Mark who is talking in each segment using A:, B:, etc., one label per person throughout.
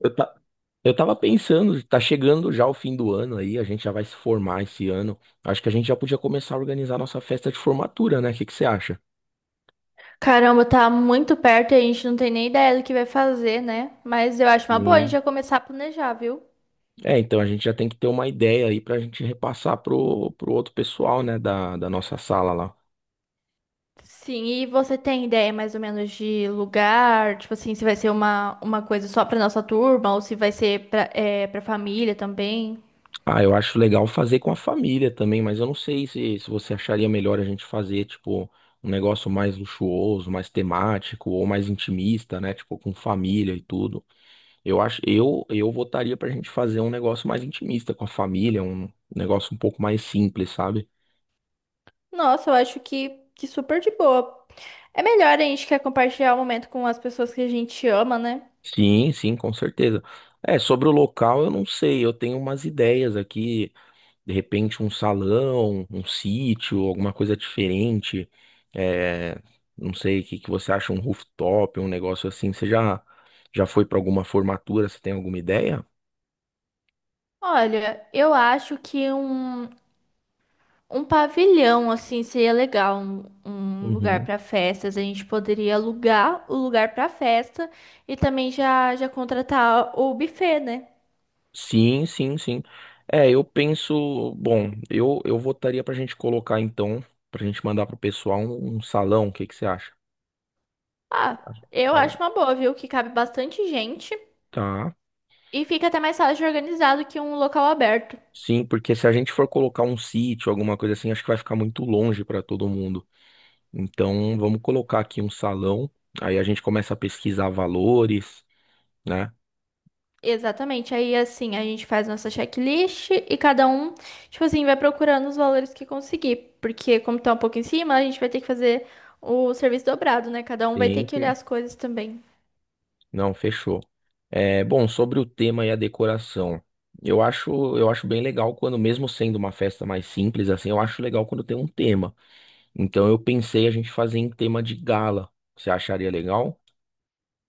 A: Eu, ta... eu tava pensando, tá chegando já o fim do ano aí, a gente já vai se formar esse ano. Acho que a gente já podia começar a organizar nossa festa de formatura, né? O que que você acha?
B: Caramba, tá muito perto e a gente não tem nem ideia do que vai fazer, né? Mas eu acho uma boa a gente
A: Sim.
B: já começar a planejar, viu?
A: É, então a gente já tem que ter uma ideia aí pra gente repassar pro outro pessoal, né, da nossa sala lá.
B: Sim, e você tem ideia mais ou menos de lugar? Tipo assim, se vai ser uma coisa só pra nossa turma ou se vai ser pra família também?
A: Ah, eu acho legal fazer com a família também, mas eu não sei se você acharia melhor a gente fazer, tipo, um negócio mais luxuoso, mais temático ou mais intimista, né, tipo, com família e tudo. Eu votaria pra gente fazer um negócio mais intimista com a família, um negócio um pouco mais simples, sabe?
B: Nossa, eu acho que super de boa. É melhor a gente quer compartilhar o momento com as pessoas que a gente ama, né?
A: Sim, sim, com certeza. É, sobre o local, eu não sei, eu tenho umas ideias aqui, de repente um salão, um sítio, alguma coisa diferente. É, não sei, o que que você acha, um rooftop, um negócio assim. Você já foi pra alguma formatura? Você tem alguma ideia?
B: Olha, eu acho que um. Um pavilhão, assim, seria legal, um lugar
A: Uhum.
B: para festas. A gente poderia alugar o lugar para festa e também já contratar o buffet, né?
A: Sim, sim, sim. É, eu penso, bom, eu votaria pra gente mandar pro pessoal um salão, o que que você acha?
B: Ah, eu acho
A: Cara.
B: uma boa, viu? Que cabe bastante gente
A: Tá.
B: e fica até mais fácil de organizar do que um local aberto.
A: Sim, porque se a gente for colocar um sítio, alguma coisa assim, acho que vai ficar muito longe pra todo mundo. Então, vamos colocar aqui um salão, aí a gente começa a pesquisar valores, né?
B: Exatamente. Aí, assim, a gente faz nossa checklist e cada um, tipo assim, vai procurando os valores que conseguir. Porque, como tá um pouco em cima, a gente vai ter que fazer o serviço dobrado, né? Cada um vai ter
A: Sim,
B: que olhar
A: sim.
B: as coisas também.
A: Não, fechou. É, bom, sobre o tema e a decoração, eu acho bem legal quando, mesmo sendo uma festa mais simples, assim, eu acho legal quando tem um tema. Então eu pensei a gente fazer em tema de gala. Você acharia legal?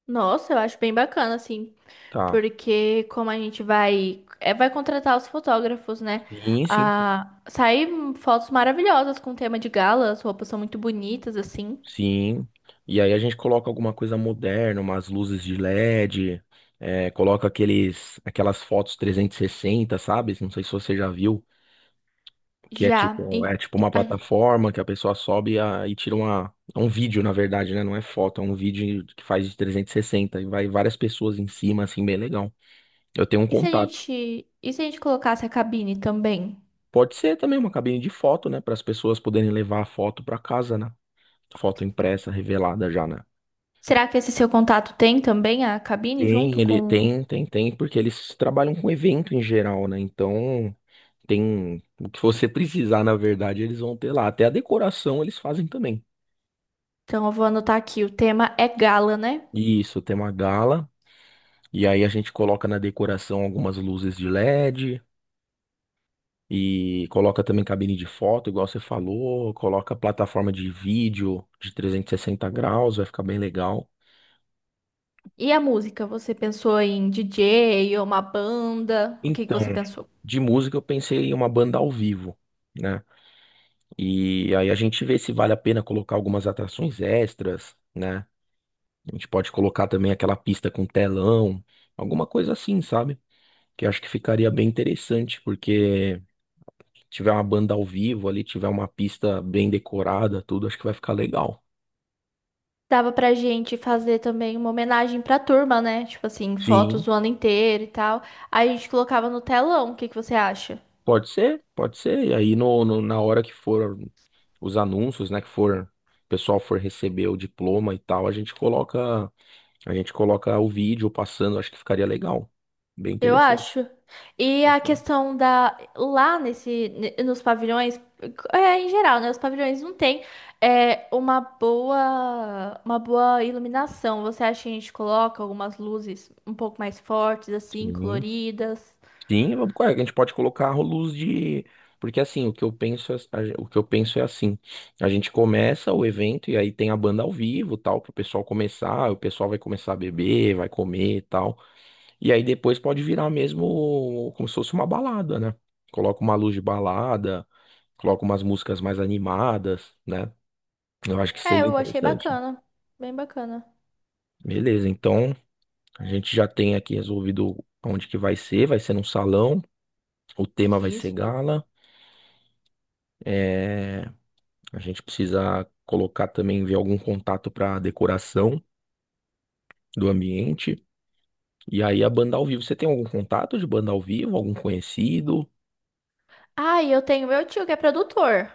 B: Nossa, eu acho bem bacana, assim,
A: Tá.
B: porque como a gente vai, é, vai contratar os fotógrafos, né?
A: Sim, sim, sim.
B: Ah, sair fotos maravilhosas com tema de gala, as roupas são muito bonitas, assim.
A: Sim. E aí a gente coloca alguma coisa moderna, umas luzes de LED, é, coloca aquelas fotos 360, sabe? Não sei se você já viu. Que
B: Já.
A: é tipo uma
B: A-
A: plataforma que a pessoa sobe e tira uma, é um vídeo, na verdade, né? Não é foto, é um vídeo que faz de 360 e vai várias pessoas em cima, assim, bem legal. Eu tenho um
B: e se a
A: contato.
B: gente, e se a gente colocasse a cabine também?
A: Pode ser também uma cabine de foto, né? Para as pessoas poderem levar a foto para casa, né? Foto impressa, revelada já, né?
B: Será que esse seu contato tem também a cabine
A: Tem,
B: junto
A: ele
B: com.
A: tem, tem, tem, porque eles trabalham com evento em geral, né? Então, tem o que você precisar, na verdade, eles vão ter lá. Até a decoração eles fazem também.
B: Então eu vou anotar aqui, o tema é gala, né?
A: Isso, tem uma gala. E aí a gente coloca na decoração algumas luzes de LED e coloca também cabine de foto, igual você falou, coloca plataforma de vídeo de 360 graus, vai ficar bem legal.
B: E a música? Você pensou em DJ ou uma banda? O que que
A: Então,
B: você pensou?
A: de música eu pensei em uma banda ao vivo, né? E aí a gente vê se vale a pena colocar algumas atrações extras, né? A gente pode colocar também aquela pista com telão, alguma coisa assim, sabe? Que eu acho que ficaria bem interessante, porque tiver uma banda ao vivo ali, tiver uma pista bem decorada, tudo, acho que vai ficar legal.
B: Dava pra gente fazer também uma homenagem pra turma, né? Tipo assim,
A: Sim,
B: fotos o ano inteiro e tal. Aí a gente colocava no telão, o que que você acha?
A: pode ser, pode ser. E aí na hora que for os anúncios, né, que for o pessoal for receber o diploma e tal, a gente coloca o vídeo passando, acho que ficaria legal. Bem
B: Eu
A: interessante.
B: acho. E a
A: Fechou.
B: questão da. Lá nos pavilhões, é, em geral, né? Os pavilhões não tem é, uma boa iluminação. Você acha que a gente coloca algumas luzes um pouco mais fortes, assim,
A: Sim.
B: coloridas?
A: Sim, ué, a gente pode colocar rolos de. Porque assim, o que eu penso, é- a o que eu penso é assim, a gente começa o evento e aí tem a banda ao vivo, tal, pro pessoal começar, o pessoal vai começar a beber, vai comer, e tal. E aí depois pode virar mesmo como se fosse uma balada, né? Coloca uma luz de balada, coloca umas músicas mais animadas, né? Eu acho que
B: É,
A: seria
B: eu achei
A: interessante.
B: bacana. Bem bacana.
A: Beleza, então a gente já tem aqui resolvido onde que vai ser num salão, o tema vai ser
B: Isso.
A: gala. É. A gente precisa colocar também, ver algum contato para decoração do ambiente. E aí a banda ao vivo. Você tem algum contato de banda ao vivo? Algum conhecido?
B: Ah, e eu tenho meu tio que é produtor.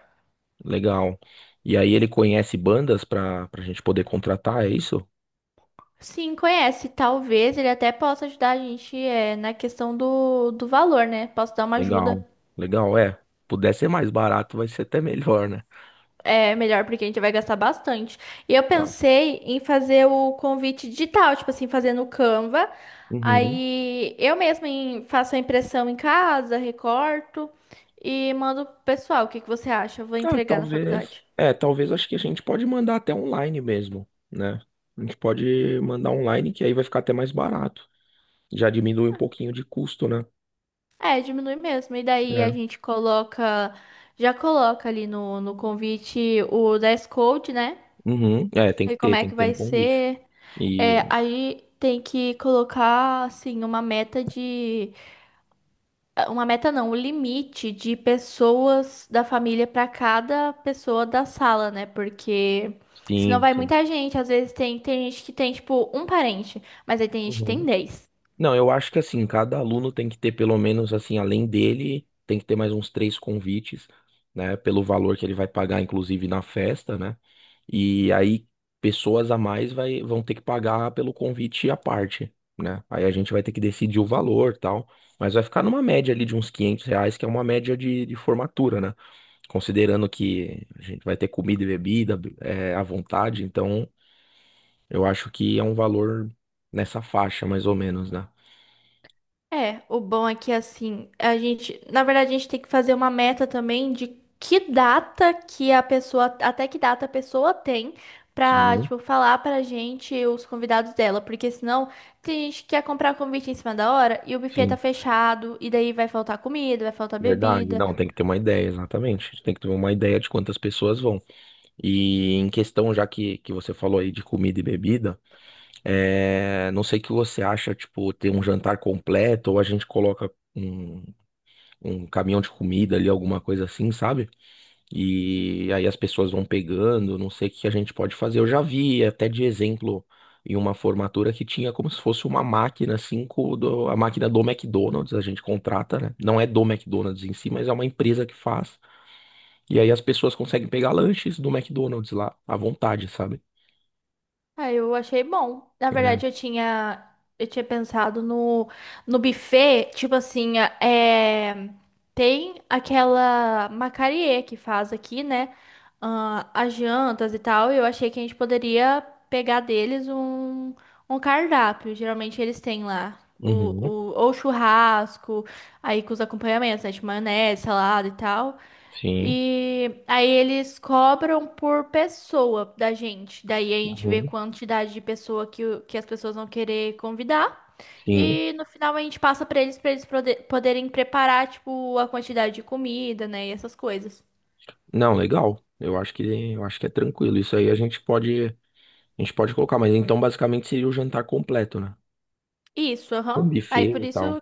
A: Legal. E aí ele conhece bandas para a gente poder contratar, é isso?
B: Sim, conhece. Talvez ele até possa ajudar a gente é, na questão do valor, né? Posso dar uma ajuda.
A: Legal. Legal, é. Puder ser mais barato, vai ser até melhor, né?
B: É melhor porque a gente vai gastar bastante. E eu
A: Tá.
B: pensei em fazer o convite digital, tipo assim, fazer no Canva.
A: Uhum.
B: Aí eu mesma faço a impressão em casa, recorto e mando pro pessoal. O que que você acha? Eu vou
A: Ah,
B: entregar na
A: talvez.
B: faculdade.
A: É, talvez acho que a gente pode mandar até online mesmo, né? A gente pode mandar online, que aí vai ficar até mais barato. Já diminui um pouquinho de custo, né?
B: É, diminui mesmo. E daí a
A: É.
B: gente coloca, já coloca ali no convite o dress code, né?
A: Uhum. É, tem que
B: E como
A: ter,
B: é
A: tem
B: que
A: que ter
B: vai
A: no convite.
B: ser? É,
A: E
B: aí tem que colocar assim uma meta não, o limite de pessoas da família para cada pessoa da sala, né? Porque senão
A: sim,
B: vai
A: sim.
B: muita gente, às vezes tem tem gente que tem tipo um parente, mas aí tem gente que tem
A: Uhum.
B: 10.
A: Não, eu acho que assim, cada aluno tem que ter pelo menos assim, além dele, tem que ter mais uns três convites, né? Pelo valor que ele vai pagar, inclusive na festa, né? E aí pessoas a mais vai, vão ter que pagar pelo convite à parte, né? Aí a gente vai ter que decidir o valor, tal. Mas vai ficar numa média ali de uns R$ 500, que é uma média de formatura, né? Considerando que a gente vai ter comida e bebida, é, à vontade, então eu acho que é um valor nessa faixa, mais ou menos, né?
B: É, o bom é que assim, a gente, na verdade, a gente tem que fazer uma meta também de que data que a pessoa, até que data a pessoa tem pra,
A: Sim,
B: tipo, falar pra gente os convidados dela, porque senão tem gente que quer comprar convite em cima da hora e o buffet tá
A: sim.
B: fechado e daí vai faltar comida, vai faltar
A: Verdade.
B: bebida.
A: Não, tem que ter uma ideia, exatamente. A gente tem que ter uma ideia de quantas pessoas vão. E em questão, já que você falou aí de comida e bebida, é... não sei o que você acha, tipo, ter um jantar completo ou a gente coloca um, um caminhão de comida ali, alguma coisa assim, sabe? E aí as pessoas vão pegando, não sei o que a gente pode fazer. Eu já vi até de exemplo em uma formatura que tinha como se fosse uma máquina, assim, a máquina do McDonald's, a gente contrata, né? Não é do McDonald's em si, mas é uma empresa que faz. E aí as pessoas conseguem pegar lanches do McDonald's lá, à vontade, sabe?
B: Ah, eu achei bom. Na
A: É.
B: verdade, eu tinha pensado no buffet, tipo assim, é, tem aquela Macarie que faz aqui, né? Ah, as jantas e tal. E eu achei que a gente poderia pegar deles um, um cardápio. Geralmente eles têm lá
A: Uhum,
B: ou churrasco, aí com os acompanhamentos, né? De maionese, salada e tal.
A: sim,
B: E aí eles cobram por pessoa da gente. Daí a gente vê
A: uhum,
B: quantidade de pessoa que, que as pessoas vão querer convidar.
A: sim.
B: E no final a gente passa pra eles poderem preparar, tipo, a quantidade de comida, né? E essas coisas.
A: Não, legal. Eu acho que é tranquilo. Isso aí a gente pode colocar, mas então basicamente seria o jantar completo, né?
B: Isso, aham.
A: Um
B: Aí
A: buffet
B: por
A: e tal.
B: isso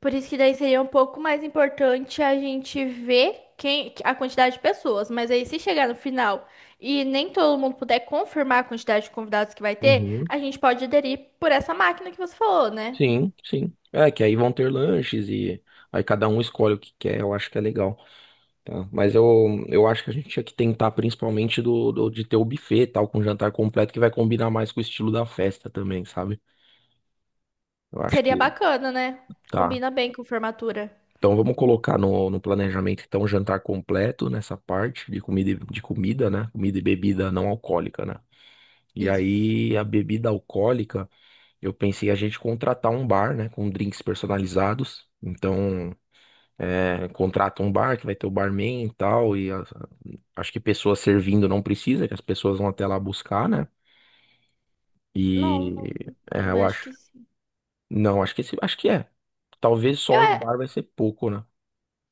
B: Por isso que daí seria um pouco mais importante a gente ver quem a quantidade de pessoas. Mas aí, se chegar no final e nem todo mundo puder confirmar a quantidade de convidados que vai ter,
A: Uhum.
B: a gente pode aderir por essa máquina que você falou, né?
A: Sim, sim. É, que aí vão ter lanches e aí cada um escolhe o que quer, eu acho que é legal. Tá? Mas eu acho que a gente tinha que tentar principalmente de ter o buffet tal, com jantar completo, que vai combinar mais com o estilo da festa também, sabe? Eu acho
B: Seria
A: que
B: bacana, né?
A: tá.
B: Combina bem com formatura.
A: Então vamos colocar no, no planejamento então jantar completo nessa parte de comida, né? Comida e bebida não alcoólica, né? E
B: Isso.
A: aí a bebida alcoólica, eu pensei a gente contratar um bar, né? Com drinks personalizados. Então. É, contrata um bar que vai ter o barman e tal, acho que pessoas servindo não precisa, que as pessoas vão até lá buscar, né?
B: Não,
A: E
B: não,
A: é,
B: eu
A: eu
B: acho que
A: acho.
B: sim.
A: Não, acho que acho que é. Talvez só
B: Eu
A: um
B: é,
A: bar vai ser pouco, né?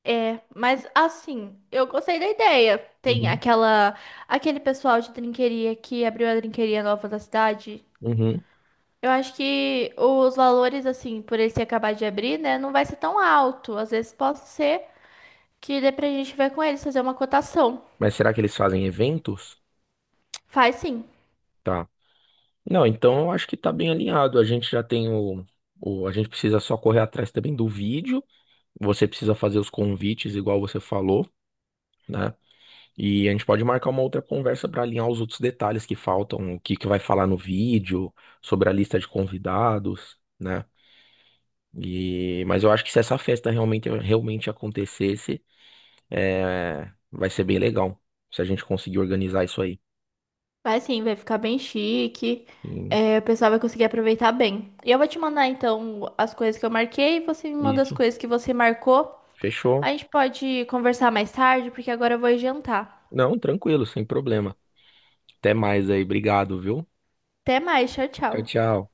B: mas assim, eu gostei da ideia. Tem
A: Uhum.
B: aquela, aquele pessoal de trinqueria que abriu a trinqueria nova da cidade.
A: Uhum.
B: Eu acho que os valores, assim, por ele se acabar de abrir, né, não vai ser tão alto. Às vezes pode ser que dê pra gente ver com eles, fazer uma cotação.
A: Mas será que eles fazem eventos?
B: Faz sim,
A: Tá. Não, então eu acho que tá bem alinhado. A gente já tem a gente precisa só correr atrás também do vídeo. Você precisa fazer os convites, igual você falou, né? E a gente pode marcar uma outra conversa para alinhar os outros detalhes que faltam, o que que vai falar no vídeo, sobre a lista de convidados, né? E, mas eu acho que se essa festa realmente, realmente acontecesse, é, vai ser bem legal. Se a gente conseguir organizar isso aí.
B: faz sim, vai ficar bem chique.
A: E.
B: É, o pessoal vai conseguir aproveitar bem. E eu vou te mandar, então, as coisas que eu marquei, você me manda as
A: Isso.
B: coisas que você marcou.
A: Fechou?
B: A gente pode conversar mais tarde, porque agora eu vou jantar.
A: Não, tranquilo, sem problema. Até mais aí. Obrigado, viu?
B: Até mais, tchau,
A: Tchau,
B: tchau.
A: tchau.